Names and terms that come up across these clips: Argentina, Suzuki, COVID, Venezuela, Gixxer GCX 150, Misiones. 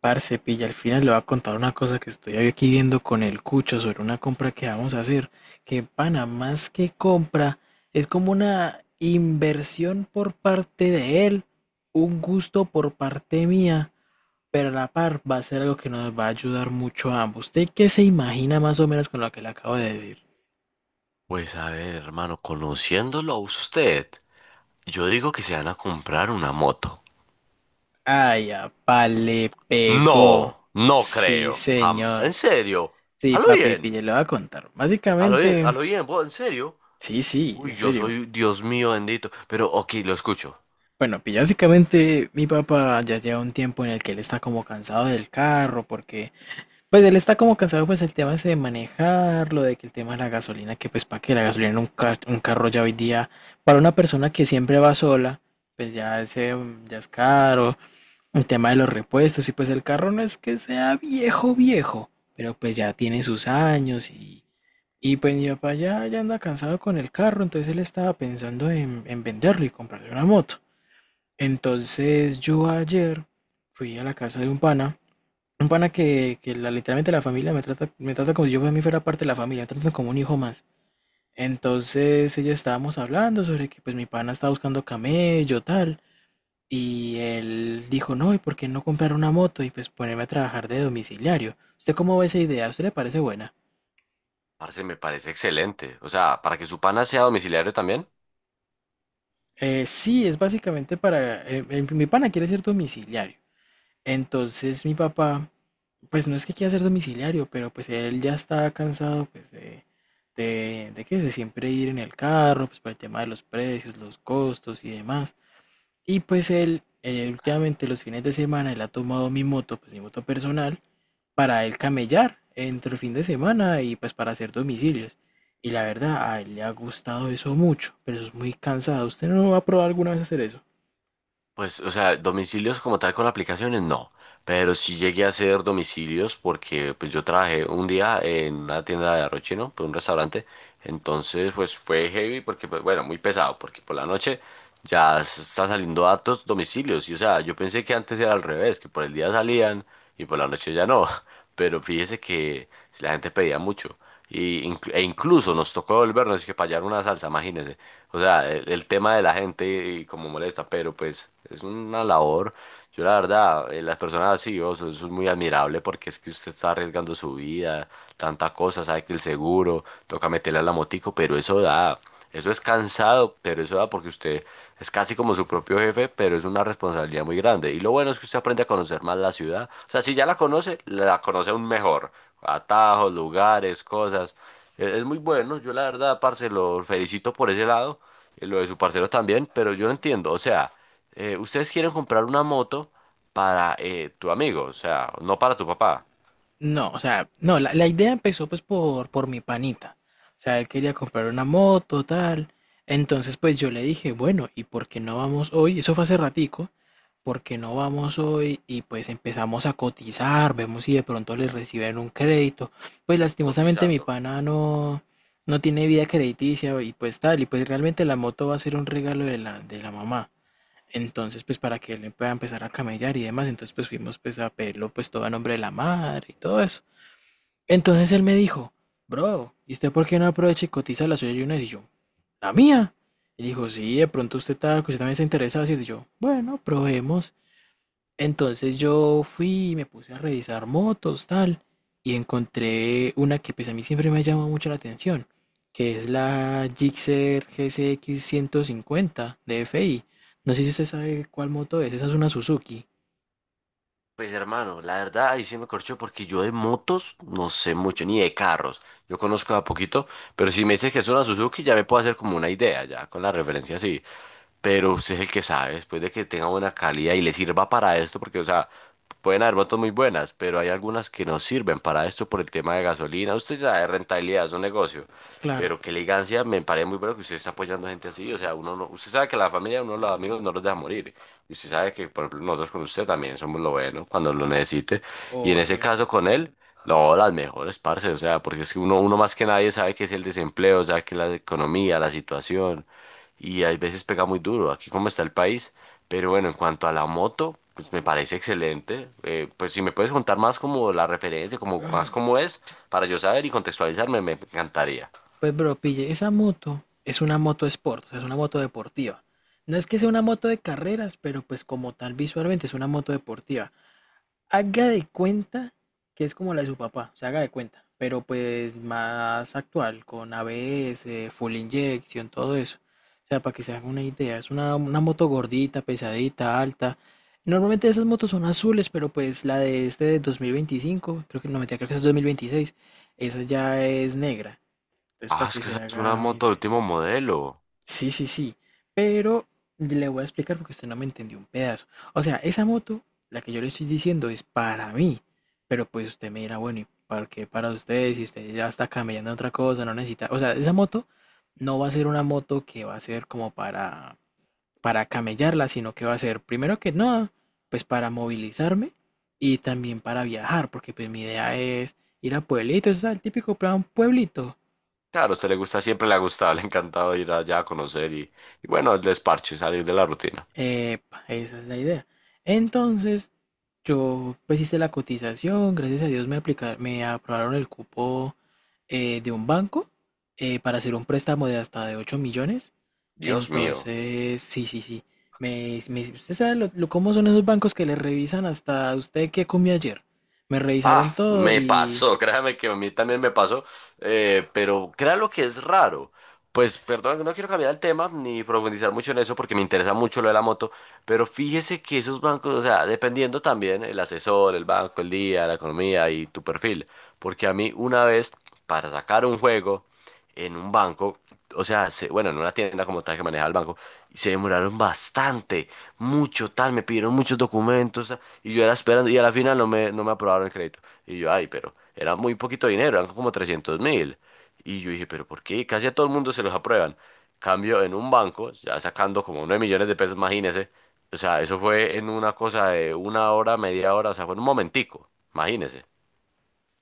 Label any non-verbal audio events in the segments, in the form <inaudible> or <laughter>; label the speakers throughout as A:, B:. A: Parce, pilla, al final le voy a contar una cosa que estoy aquí viendo con el cucho sobre una compra que vamos a hacer. Que pana, más que compra, es como una inversión por parte de él, un gusto por parte mía, pero a la par va a ser algo que nos va a ayudar mucho a ambos. ¿Usted qué se imagina más o menos con lo que le acabo de decir?
B: Pues a ver, hermano, conociéndolo a usted, yo digo que se van a comprar una moto.
A: Ay, apa, le pegó.
B: No, no
A: Sí,
B: creo. ¿En
A: señor.
B: serio?
A: Sí,
B: ¿A lo
A: papi,
B: bien?
A: pilla, le voy a contar.
B: ¿A lo bien? ¿A
A: Básicamente,
B: lo bien? ¿En serio?
A: sí, sí,
B: Uy,
A: en
B: yo
A: serio.
B: soy Dios mío bendito. Pero, ok, lo escucho.
A: Bueno, pues básicamente mi papá ya lleva un tiempo en el que él está como cansado del carro, porque pues él está como cansado pues el tema ese de manejarlo, de que el tema de la gasolina, que pues para que la gasolina en un carro ya hoy día, para una persona que siempre va sola, pues ya ese ya es caro, el tema de los repuestos, y pues el carro no es que sea viejo viejo, pero pues ya tiene sus años y pues mi papá ya anda cansado con el carro, entonces él estaba pensando en venderlo y comprarle una moto. Entonces yo ayer fui a la casa de un pana que literalmente la familia me trata como si yo a mí fuera parte de la familia, me tratan como un hijo más. Entonces ellos estábamos hablando sobre que pues mi pana estaba buscando camello, tal, y él dijo, no, ¿y por qué no comprar una moto y pues ponerme a trabajar de domiciliario? ¿Usted cómo ve esa idea? ¿A usted le parece buena?
B: Parce, me parece excelente. O sea, para que su pana sea domiciliario también.
A: Sí, es básicamente para mi pana quiere ser domiciliario. Entonces mi papá, pues no es que quiera ser domiciliario, pero pues él ya está cansado pues de que de siempre ir en el carro, pues para el tema de los precios, los costos y demás. Y pues él, últimamente los fines de semana, él ha tomado mi moto, pues mi moto personal, para él camellar entre el fin de semana y pues para hacer domicilios. Y la verdad, a él le ha gustado eso mucho, pero eso es muy cansado. ¿Usted no va a probar alguna vez hacer eso?
B: Pues, o sea, domicilios como tal con aplicaciones, no. Pero sí llegué a hacer domicilios porque pues yo trabajé un día en una tienda de arroz chino, pues un restaurante. Entonces, pues fue heavy porque, pues, bueno, muy pesado, porque por la noche ya está saliendo datos domicilios. Y o sea, yo pensé que antes era al revés, que por el día salían y por la noche ya no. <laughs> Pero fíjese que la gente pedía mucho. Y, e incluso nos tocó devolvernos, es que para hallar una salsa, imagínese. O sea, el tema de la gente y, como molesta, pero pues es una labor. Yo la verdad, las personas así, oh, eso es muy admirable porque es que usted está arriesgando su vida, tanta cosa, sabe que el seguro, toca meterle a la motico, pero eso da, eso es cansado, pero eso da porque usted es casi como su propio jefe, pero es una responsabilidad muy grande. Y lo bueno es que usted aprende a conocer más la ciudad. O sea, si ya la conoce aún mejor. Atajos, lugares, cosas. Es muy bueno, yo la verdad, parce, lo felicito por ese lado, lo de su parcero también, pero yo no entiendo, o sea, ustedes quieren comprar una moto para tu amigo, o sea, no para tu papá.
A: No, o sea, no, la idea empezó pues por mi panita. O sea, él quería comprar una moto, tal. Entonces pues yo le dije, bueno, ¿y por qué no vamos hoy? Eso fue hace ratico. ¿Por qué no vamos hoy? Y pues empezamos a cotizar, vemos si de pronto le reciben un crédito. Pues
B: Sí,
A: lastimosamente mi
B: cotizando.
A: pana no tiene vida crediticia y pues tal. Y pues realmente la moto va a ser un regalo de la mamá. Entonces, pues para que él pueda empezar a camellar y demás, entonces pues fuimos pues a pedirlo pues todo a nombre de la madre y todo eso. Entonces él me dijo, bro, ¿y usted por qué no aprovecha y cotiza la suya y una vez? Y yo, ¿la mía? Y dijo, sí, de pronto usted también se interesa. Y yo, bueno, probemos. Entonces yo fui y me puse a revisar motos, tal, y encontré una que pues a mí siempre me ha llamado mucho la atención, que es la Gixxer GCX 150 de FI. No sé si usted sabe cuál moto es, esa es una Suzuki,
B: Pues hermano, la verdad ahí sí me corchó porque yo de motos no sé mucho, ni de carros. Yo conozco a poquito, pero si me dices que es una Suzuki ya me puedo hacer como una idea, ya con la referencia así. Pero usted es el que sabe, después de que tenga buena calidad y le sirva para esto, porque o sea, pueden haber motos muy buenas, pero hay algunas que no sirven para esto por el tema de gasolina. Usted sabe, rentabilidad es un negocio.
A: claro,
B: Pero qué elegancia, me parece muy bueno que usted está apoyando a gente así. O sea, uno no, usted sabe que la familia, uno de los amigos no los deja morir. Y usted sabe que, por ejemplo, nosotros con usted también somos lo bueno cuando lo necesite. Y en ese
A: obvio.
B: caso con él, no, las mejores, parce. O sea, porque es que uno más que nadie sabe que es el desempleo, sabe que es la economía, la situación. Y hay veces pega muy duro, aquí como está el país. Pero bueno, en cuanto a la moto, pues me parece excelente. Pues si me puedes contar más como la referencia, como más
A: <clears throat>
B: cómo es, para yo saber y contextualizarme, me encantaría.
A: Pues bro, pille, esa moto es una moto sport, o sea, es una moto deportiva. No es que sea una moto de carreras, pero pues como tal visualmente es una moto deportiva. Haga de cuenta que es como la de su papá, se haga de cuenta, pero pues más actual, con ABS, full injection, todo eso. O sea, para que se hagan una idea, es una moto gordita, pesadita, alta. Normalmente esas motos son azules, pero pues la de este de 2025 creo que no, mentira, creo que esa es 2026. Esa ya es negra. Entonces,
B: Ah,
A: para
B: es
A: que
B: que
A: se
B: esa es una
A: haga una
B: moto de
A: idea.
B: último modelo.
A: Sí, sí, sí. Pero le voy a explicar porque usted no me entendió un pedazo. O sea, esa moto, la que yo le estoy diciendo, es para mí. Pero pues usted me dirá, bueno, ¿y para qué para usted? Si usted ya está cambiando otra cosa, no necesita. O sea, esa moto no va a ser una moto que va a ser como para, camellarla, sino que va a ser, primero que nada, pues para movilizarme y también para viajar, porque pues mi idea es ir a pueblitos, o sea, el típico plan pueblito.
B: Claro, a usted le gusta, siempre le ha gustado, <laughs> le ha encantado ir allá a conocer y bueno, el desparche, salir de la rutina.
A: Epa, esa es la idea. Entonces, yo pues hice la cotización, gracias a Dios me aprobaron el cupo de un banco para hacer un préstamo de hasta de 8 millones.
B: Dios mío.
A: Entonces, sí, sí, sí. Usted sabe cómo son esos bancos que le revisan hasta usted qué comió ayer. Me
B: Ah,
A: revisaron todo
B: me
A: y
B: pasó, <laughs> créame que a mí también me pasó, pero crea lo que es raro. Pues perdón, no quiero cambiar el tema ni profundizar mucho en eso porque me interesa mucho lo de la moto, pero fíjese que esos bancos, o sea, dependiendo también el asesor, el banco, el día, la economía y tu perfil, porque a mí una vez, para sacar un juego, en un banco, o sea, bueno, en una tienda como tal que manejaba el banco, y se demoraron bastante, mucho tal, me pidieron muchos documentos, tal, y yo era esperando, y a la final no me aprobaron el crédito. Y yo, ay, pero era muy poquito dinero, eran como 300.000. Y yo dije, pero ¿por qué? Casi a todo el mundo se los aprueban. Cambio en un banco, ya sacando como 9 millones de pesos, imagínese. O sea, eso fue en una cosa de una hora, media hora, o sea, fue en un momentico, imagínese.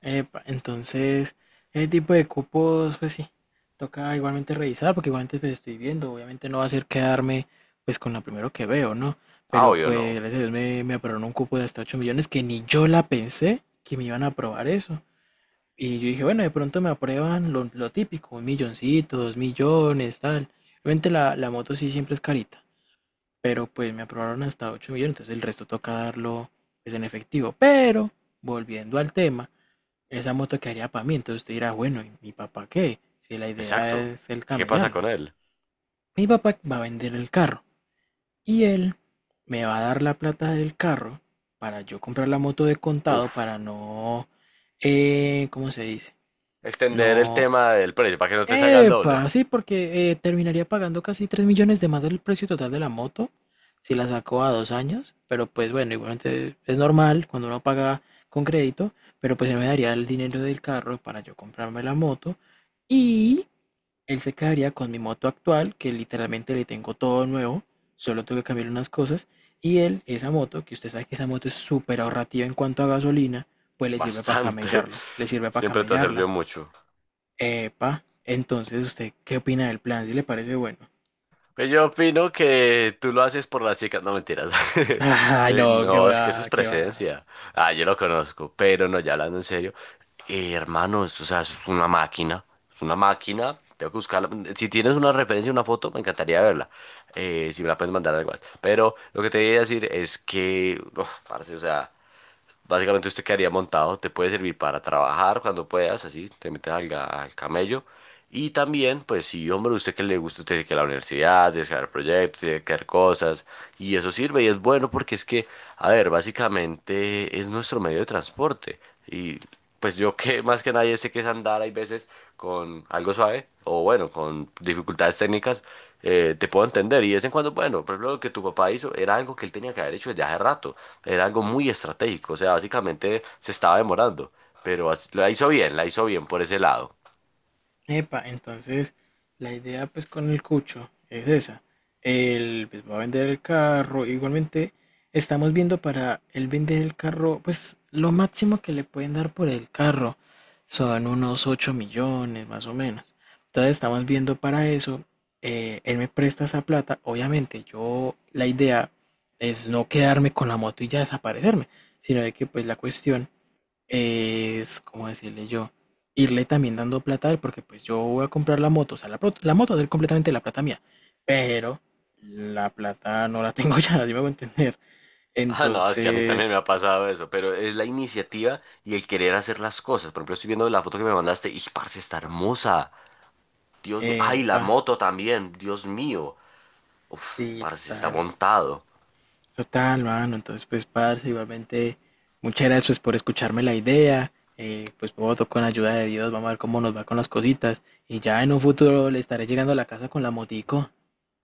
A: Epa, entonces, ese tipo de cupos, pues sí, toca igualmente revisar, porque igualmente pues, estoy viendo, obviamente no va a ser quedarme pues con la primero que veo, ¿no?
B: Ah,
A: Pero
B: obvio
A: pues
B: no.
A: gracias a Dios me aprobaron un cupo de hasta 8 millones que ni yo la pensé que me iban a aprobar eso. Y yo dije, bueno, de pronto me aprueban lo típico, un milloncito, 2 millones, tal. Obviamente la moto sí siempre es carita, pero pues me aprobaron hasta 8 millones, entonces el resto toca darlo pues en efectivo. Pero, volviendo al tema, esa moto quedaría para mí. Entonces usted dirá, bueno, ¿y mi papá qué? Si la idea
B: Exacto.
A: es el
B: ¿Qué pasa con
A: camellarla.
B: él?
A: Mi papá va a vender el carro y él me va a dar la plata del carro para yo comprar la moto de contado para
B: Uf.
A: no, ¿cómo se dice?
B: Extender el
A: No.
B: tema del precio para que no te salga el doble.
A: Epa, sí, porque terminaría pagando casi 3 millones de más del precio total de la moto si la saco a 2 años, pero pues bueno, igualmente es normal cuando uno paga con crédito, pero pues él me daría el dinero del carro para yo comprarme la moto y él se quedaría con mi moto actual, que literalmente le tengo todo nuevo, solo tengo que cambiar unas cosas, y él, esa moto, que usted sabe que esa moto es súper ahorrativa en cuanto a gasolina, pues le sirve para
B: Bastante.
A: camellarlo, le
B: <laughs>
A: sirve para
B: Siempre te ha servido
A: camellarla.
B: mucho.
A: Epa, entonces, ¿usted qué opina del plan? ¿Si le parece bueno? <laughs>
B: Pero yo opino que tú lo haces por las chicas. No, mentiras. <laughs>
A: Ah, no,
B: Eh,
A: que
B: no, es que eso
A: va,
B: es
A: que va.
B: presencia. Ah, yo lo conozco. Pero no, ya hablando en serio. Hermano, eso, o sea, eso es una máquina. Es una máquina. Tengo que buscarla. Si tienes una referencia, una foto, me encantaría verla. Si me la puedes mandar algo más. Pero lo que te voy a decir es que uf, parce, o sea, básicamente usted quedaría montado, te puede servir para trabajar cuando puedas, así, te metes al camello. Y también, pues sí, hombre, usted que le gusta, usted dice que la universidad, tiene que hacer proyectos, tiene que hacer cosas, y eso sirve y es bueno porque es que, a ver, básicamente es nuestro medio de transporte. Y pues yo que <laughs> más que nadie sé que es andar, hay veces con algo suave o bueno, con dificultades técnicas, te puedo entender. Y de vez en cuando, bueno, por ejemplo, lo que tu papá hizo era algo que él tenía que haber hecho desde hace rato, era algo muy estratégico, o sea, básicamente se estaba demorando, pero la hizo bien por ese lado. <laughs>
A: Epa, entonces la idea pues con el cucho es esa. Él pues va a vender el carro. Igualmente estamos viendo para él vender el carro, pues lo máximo que le pueden dar por el carro son unos 8 millones más o menos. Entonces estamos viendo para eso. Él me presta esa plata. Obviamente yo la idea es no quedarme con la moto y ya desaparecerme, sino de que pues la cuestión es, ¿cómo decirle yo? Irle también dando plata a él, porque pues yo voy a comprar la moto, o sea, la moto de él completamente la plata mía, pero la plata no la tengo <laughs> ya, así me voy a entender.
B: Ah, no, es que a mí también
A: Entonces,
B: me ha pasado eso, pero es la iniciativa y el querer hacer las cosas. Por ejemplo, estoy viendo la foto que me mandaste y, parce, está hermosa. Dios mío. Ay, la
A: pa,
B: moto también, Dios mío. Uf,
A: sí,
B: parce, está
A: total,
B: montado.
A: total, mano, entonces pues, parce, igualmente, muchas gracias pues, por escucharme la idea, pues voto con ayuda de Dios, vamos a ver cómo nos va con las cositas, y ya en un futuro le estaré llegando a la casa con la motico.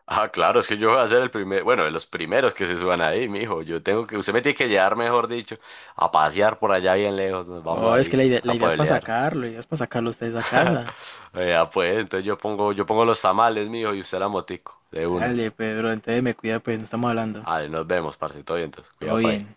B: Ah, claro, es que yo voy a ser el primer, bueno, de los primeros que se suban ahí, mijo. Yo tengo que, usted me tiene que llevar, mejor dicho, a pasear por allá bien lejos. Nos vamos
A: Oh, es que
B: ahí
A: la
B: a
A: idea es para
B: pueblear.
A: sacarlo, la idea es para sacarlo a ustedes a casa.
B: <laughs> Ya pues, entonces yo pongo los tamales, mijo, y usted la motico, de una.
A: Dale, Pedro, entonces me cuida, pues, no estamos hablando.
B: Vale, nos vemos, parce, todo bien, entonces,
A: Todo
B: cuidado por ahí.
A: bien.